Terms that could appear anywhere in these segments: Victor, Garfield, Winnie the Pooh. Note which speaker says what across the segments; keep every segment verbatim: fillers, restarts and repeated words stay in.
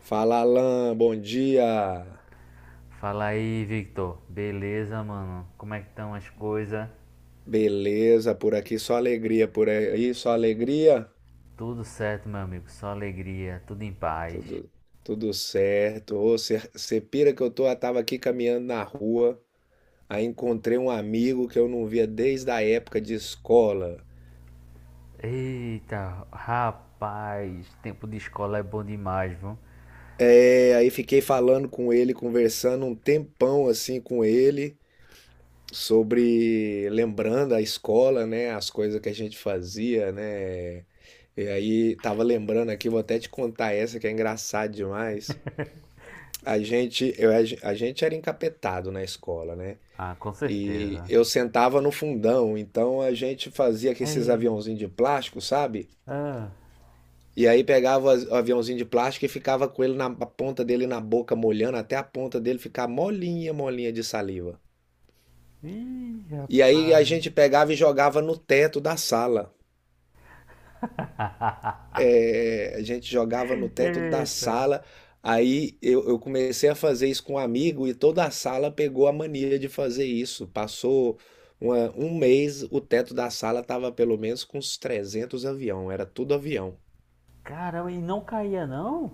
Speaker 1: Fala, Alan, bom dia.
Speaker 2: Fala aí, Victor. Beleza, mano? Como é que estão as coisas?
Speaker 1: Beleza, por aqui só alegria, por aí só alegria.
Speaker 2: Tudo certo, meu amigo. Só alegria, tudo em paz.
Speaker 1: Tudo, tudo certo. Ô, você pira que eu tô, eu tava aqui caminhando na rua, aí encontrei um amigo que eu não via desde a época de escola.
Speaker 2: Eita, rapaz, tempo de escola é bom demais, viu?
Speaker 1: É, aí fiquei falando com ele, conversando um tempão assim com ele sobre lembrando a escola, né, as coisas que a gente fazia, né. E aí, tava lembrando aqui, vou até te contar essa que é engraçada demais. A gente, eu, a gente era encapetado na escola, né?
Speaker 2: Ah, com
Speaker 1: E
Speaker 2: certeza.
Speaker 1: eu sentava no fundão, então a gente fazia com esses
Speaker 2: Ei,
Speaker 1: aviãozinhos de plástico, sabe?
Speaker 2: ah,
Speaker 1: E aí pegava o aviãozinho de plástico e ficava com ele na a ponta dele na boca, molhando até a ponta dele ficar molinha, molinha de saliva.
Speaker 2: ih,
Speaker 1: E
Speaker 2: rapaz.
Speaker 1: aí a gente pegava e jogava no teto da sala. É, a gente jogava no teto da
Speaker 2: Eita.
Speaker 1: sala. Aí eu, eu comecei a fazer isso com um amigo e toda a sala pegou a mania de fazer isso. Passou uma- um mês, o teto da sala tava pelo menos com uns trezentos avião, era tudo avião.
Speaker 2: Caramba, e não caía, não?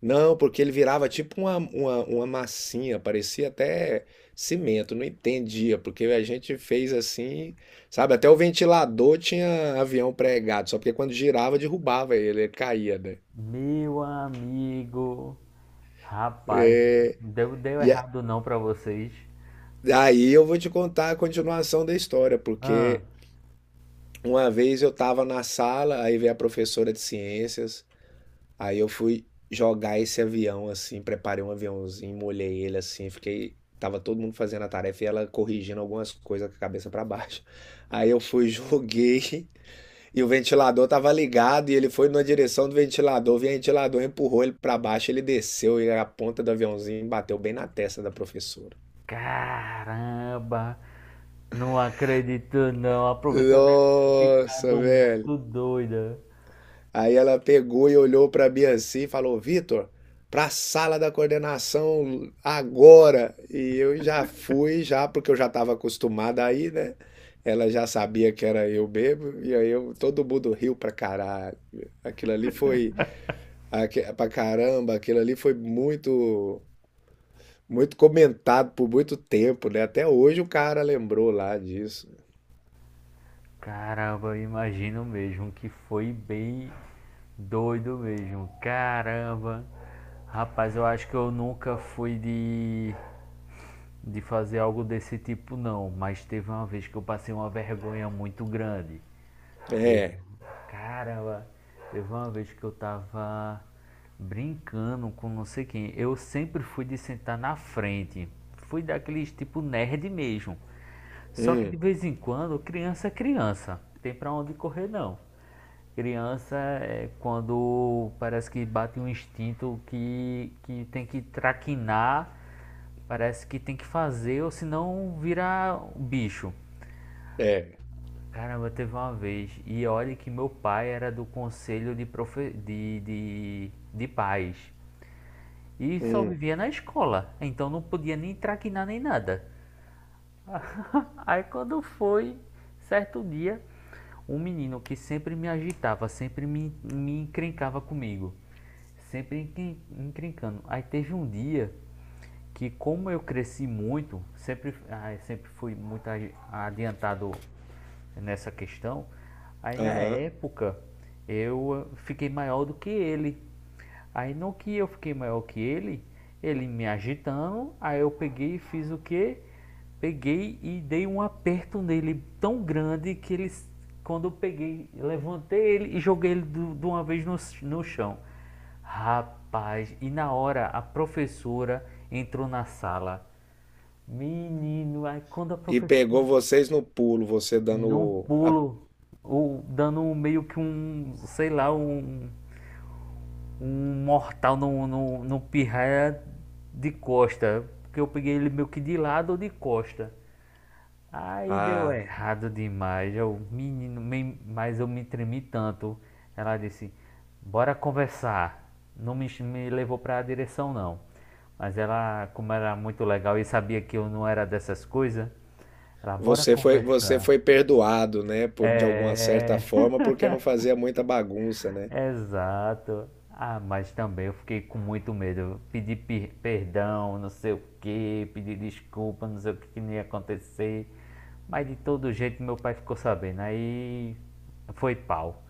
Speaker 1: Não, porque ele virava tipo uma, uma, uma massinha, parecia até cimento, não entendia, porque a gente fez assim, sabe? Até o ventilador tinha avião pregado, só porque quando girava derrubava ele, ele caía, né?
Speaker 2: Meu amigo. Rapaz, deu, deu
Speaker 1: E,
Speaker 2: errado não pra vocês?
Speaker 1: Daí eu vou te contar a continuação da história,
Speaker 2: Ah,
Speaker 1: porque uma vez eu estava na sala, aí veio a professora de ciências, aí eu fui jogar esse avião assim, preparei um aviãozinho, molhei ele assim, fiquei, tava todo mundo fazendo a tarefa e ela corrigindo algumas coisas com a cabeça para baixo. Aí eu fui, joguei e o ventilador tava ligado e ele foi na direção do ventilador, o ventilador empurrou ele para baixo, ele desceu e a ponta do aviãozinho bateu bem na testa da professora.
Speaker 2: caramba! Não acredito não, a professora deve ter
Speaker 1: Nossa,
Speaker 2: ficado
Speaker 1: velho.
Speaker 2: muito doida.
Speaker 1: Aí ela pegou e olhou para mim assim e falou: Vitor, para a sala da coordenação agora. E eu já fui, já, porque eu já estava acostumada aí, né? Ela já sabia que era eu mesmo, e aí eu, todo mundo riu pra caralho. Aquilo ali foi, aque- pra caramba, aquilo ali foi muito, muito comentado por muito tempo, né? Até hoje o cara lembrou lá disso.
Speaker 2: Caramba, imagino mesmo que foi bem doido mesmo. Caramba. Rapaz, eu acho que eu nunca fui de de fazer algo desse tipo não, mas teve uma vez que eu passei uma vergonha muito grande.
Speaker 1: É,
Speaker 2: Caramba, teve uma vez que eu tava brincando com não sei quem. Eu sempre fui de sentar na frente. Fui daqueles tipo nerd mesmo. Só que de
Speaker 1: hum,
Speaker 2: vez em quando, criança é criança. Tem pra onde correr não. Criança é quando parece que bate um instinto que, que tem que traquinar, parece que tem que fazer, ou senão vira um bicho.
Speaker 1: é,
Speaker 2: Caramba, teve uma vez. E olha que meu pai era do conselho de, profe... de, de, de pais. E só
Speaker 1: hum,
Speaker 2: vivia na escola. Então não podia nem traquinar nem nada. Aí quando foi, certo dia, um menino que sempre me agitava, sempre me, me encrencava comigo. Sempre encren- encrencando. Aí teve um dia que, como eu cresci muito, sempre, ah, sempre fui muito agi- adiantado nessa questão. Aí na
Speaker 1: aham.
Speaker 2: época eu ah, fiquei maior do que ele. Aí no que eu fiquei maior que ele, ele me agitando, aí eu peguei e fiz o quê? Peguei e dei um aperto nele tão grande que ele, quando eu peguei, levantei ele e joguei ele de uma vez no, no chão. Rapaz, e na hora a professora entrou na sala. Menino, aí quando a
Speaker 1: E pegou
Speaker 2: professora
Speaker 1: vocês no pulo, você
Speaker 2: no
Speaker 1: dando a,
Speaker 2: pulo, ou dando um- meio que um, sei lá, um, um mortal no, no, no pirraia de costa. Porque eu peguei ele meio que de lado ou de costa. Aí deu
Speaker 1: a-
Speaker 2: errado demais. Eu, menino, me- mas eu me tremi tanto. Ela disse: Bora conversar. Não me, ch- Me levou para a direção, não. Mas ela, como era muito legal e sabia que eu não era dessas coisas, ela, bora
Speaker 1: você foi você
Speaker 2: conversar.
Speaker 1: foi perdoado, né, por de alguma certa
Speaker 2: É. é, é.
Speaker 1: forma, porque não fazia muita bagunça, né?
Speaker 2: Exato. Ah, mas também eu fiquei com muito medo. Pedir per- perdão, não sei o que, pedir desculpa, não sei o que que não ia acontecer. Mas de todo jeito meu pai ficou sabendo. Aí foi pau.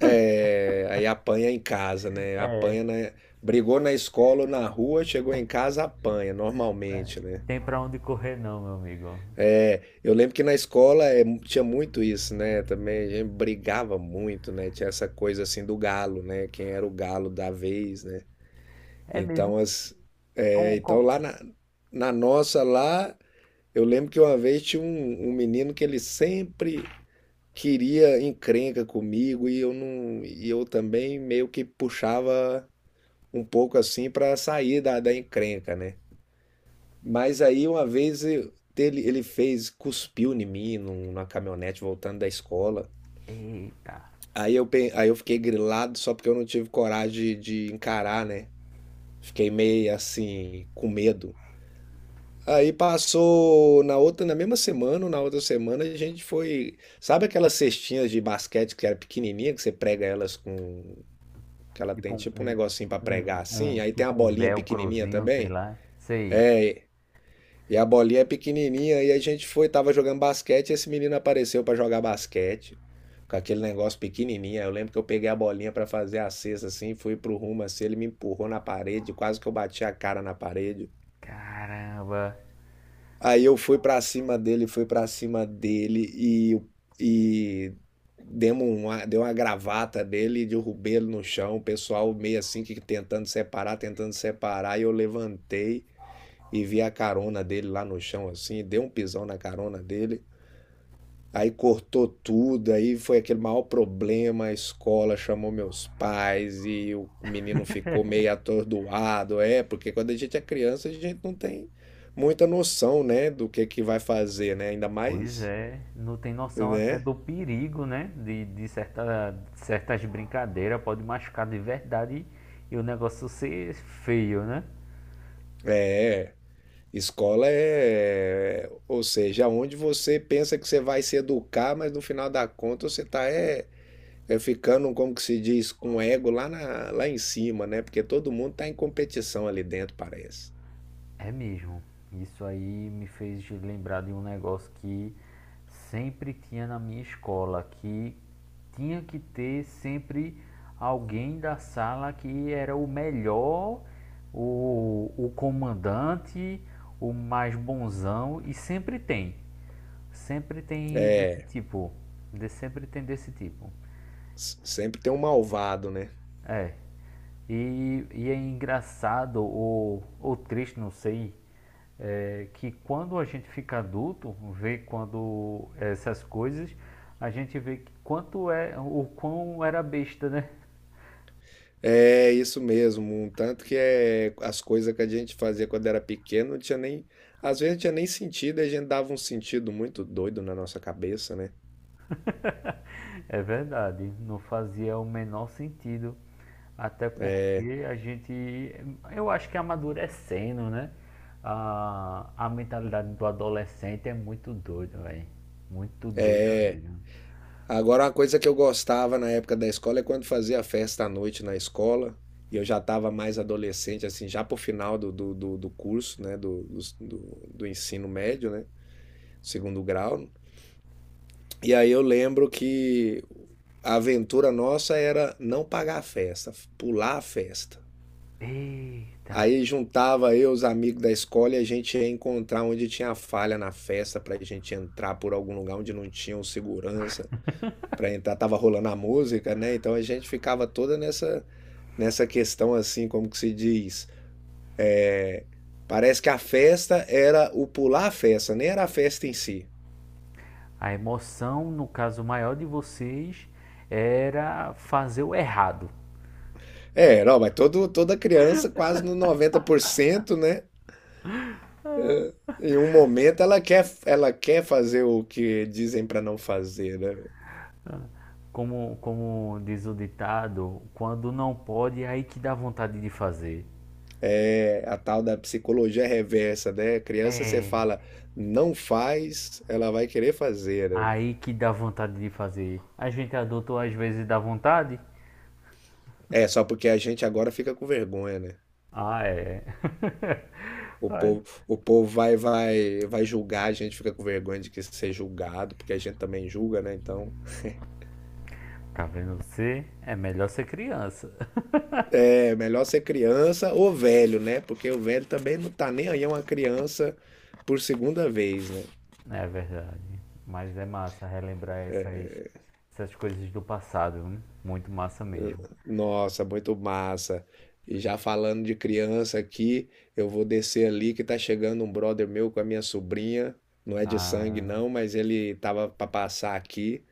Speaker 1: É, aí apanha em casa, né? Apanha na, brigou na escola ou na rua, chegou em casa, apanha, normalmente, né?
Speaker 2: Tem pra onde correr não, meu amigo.
Speaker 1: Eu lembro que na escola é, tinha muito isso, né? Também a gente brigava muito, né? Tinha essa coisa assim do galo, né? Quem era o galo da vez, né?
Speaker 2: É mesmo?
Speaker 1: Então, as, é,
Speaker 2: Com,
Speaker 1: então
Speaker 2: com...
Speaker 1: lá na, na nossa lá. Eu lembro que uma vez tinha um, um menino que ele sempre queria encrenca comigo e eu não, e eu também meio que puxava um pouco assim para sair da, da encrenca, né? Mas aí uma vez eu- ele, ele fez, cuspiu em mim num- numa caminhonete voltando da escola.
Speaker 2: Eita.
Speaker 1: Aí eu, pe- aí eu fiquei grilado só porque eu não tive coragem de, de encarar, né? Fiquei meio assim, com medo. Aí passou na outra, na mesma semana, ou na outra semana, a gente foi. Sabe aquelas cestinhas de basquete que era pequenininha, que você prega elas com. Que ela tem
Speaker 2: Tipo um,
Speaker 1: tipo um
Speaker 2: um,
Speaker 1: negocinho pra
Speaker 2: um,
Speaker 1: pregar assim,
Speaker 2: um-
Speaker 1: aí tem a
Speaker 2: tipo um
Speaker 1: bolinha pequenininha
Speaker 2: velcrozinho, sei
Speaker 1: também.
Speaker 2: lá. Sei.
Speaker 1: E a bolinha é pequenininha, e a gente foi, tava jogando basquete, e esse menino apareceu pra jogar basquete, com aquele negócio pequenininho. Aí eu lembro que eu peguei a bolinha pra fazer a cesta assim, fui pro rumo assim, ele me empurrou na parede, quase que eu bati a cara na parede.
Speaker 2: Caramba.
Speaker 1: Aí eu fui pra cima dele, fui pra cima dele e, e demos uma, deu uma gravata dele e derrubei ele no chão. O pessoal meio assim que tentando separar, tentando separar. E eu levantei e vi a carona dele lá no chão assim, dei um pisão na carona dele. Aí cortou tudo, aí foi aquele maior problema, a escola chamou meus pais e o menino ficou meio atordoado, é, porque quando a gente é criança, a gente não tem muita noção, né, do que que vai fazer, né? Ainda
Speaker 2: Pois
Speaker 1: mais,
Speaker 2: é, não tem noção até
Speaker 1: né?
Speaker 2: do perigo, né? De, de certa, certas brincadeiras, pode machucar de verdade e o negócio ser feio, né?
Speaker 1: É, escola é, ou seja, onde você pensa que você vai se educar, mas no final da conta você tá é, é ficando, como que se diz, com o ego lá na, lá em cima, né? Porque todo mundo tá em competição ali dentro, parece.
Speaker 2: É mesmo. Isso aí me fez lembrar de um negócio que sempre tinha na minha escola, que tinha que ter sempre alguém da sala que era o melhor, o, o comandante, o mais bonzão, e sempre tem. Sempre tem desse tipo. De, sempre tem desse tipo.
Speaker 1: S- Sempre tem um malvado, né?
Speaker 2: É. E, e é engraçado ou, ou triste, não sei, é, que quando a gente fica adulto, vê quando essas coisas, a gente vê que quanto é, o quão era besta, né?
Speaker 1: É isso mesmo. Um tanto que é as coisas que a gente fazia quando era pequeno, não tinha nem. Às vezes não tinha nem sentido, e a gente dava um sentido muito doido na nossa cabeça, né?
Speaker 2: É verdade, não fazia o menor sentido, até porque a gente, eu acho que amadurecendo, né? A, a mentalidade do adolescente é muito doida, velho. Muito doida mesmo.
Speaker 1: Agora, uma coisa que eu gostava na época da escola é quando fazia festa à noite na escola, e eu já estava mais adolescente, assim, já pro final do, do, do, do curso, né? Do, do, do do ensino médio, né? Segundo grau. E aí eu lembro que a aventura nossa era não pagar a festa, pular a festa.
Speaker 2: Eita!
Speaker 1: Aí juntava eu, os amigos da escola, e a gente ia encontrar onde tinha falha na festa para a gente entrar por algum lugar onde não tinha um segurança para entrar. Tava rolando a música, né? Então a gente ficava toda nessa nessa questão assim, como que se diz? Parece que a festa era o pular a festa, nem era a festa em si.
Speaker 2: A emoção, no caso maior de vocês, era fazer o errado.
Speaker 1: É, não, mas todo, toda criança, quase no noventa por cento, né? Em um momento ela quer, ela quer fazer o que dizem para não fazer, né?
Speaker 2: Como, como diz o ditado, quando não pode, é aí que dá vontade de fazer.
Speaker 1: É a tal da psicologia reversa, né? Criança você
Speaker 2: É,
Speaker 1: fala, não faz, ela vai querer fazer, né?
Speaker 2: aí que dá vontade de fazer. A gente adulto às vezes dá vontade.
Speaker 1: É, só porque a gente agora fica com vergonha, né?
Speaker 2: Ah, é.
Speaker 1: O
Speaker 2: Ai,
Speaker 1: povo, o povo vai, vai, vai julgar, a gente fica com vergonha de que ser julgado, porque a gente também julga, né? Então,
Speaker 2: tá vendo você? É melhor ser criança.
Speaker 1: é melhor ser criança ou velho, né? Porque o velho também não tá nem aí, é uma criança por segunda vez, né?
Speaker 2: É verdade. Mas é massa relembrar essas, essas coisas do passado. Viu? Muito massa mesmo.
Speaker 1: Nossa, muito massa. E já falando de criança aqui, eu vou descer ali que tá chegando um brother meu com a minha sobrinha. Não é de sangue
Speaker 2: Ah,
Speaker 1: não, mas ele tava para passar aqui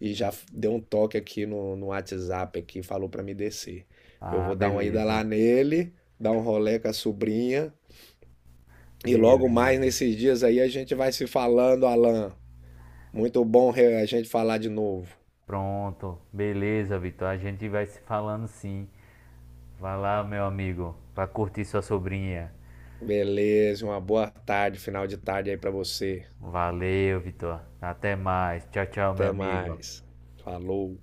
Speaker 1: e já f- deu um toque aqui no, no WhatsApp aqui, falou para me descer. Eu
Speaker 2: ah,
Speaker 1: vou dar uma ida
Speaker 2: beleza.
Speaker 1: lá nele, dar um rolê com a sobrinha e logo mais
Speaker 2: Beleza.
Speaker 1: nesses dias aí a gente vai se falando, Alan. Muito bom re- a gente falar de novo.
Speaker 2: Pronto. Beleza, Vitor. A gente vai se falando sim. Vai lá, meu amigo. Vai curtir sua sobrinha.
Speaker 1: Beleza, uma boa tarde, final de tarde aí para você.
Speaker 2: Valeu, Vitor. Até mais. Tchau, tchau, meu
Speaker 1: Até
Speaker 2: amigo.
Speaker 1: mais. Falou.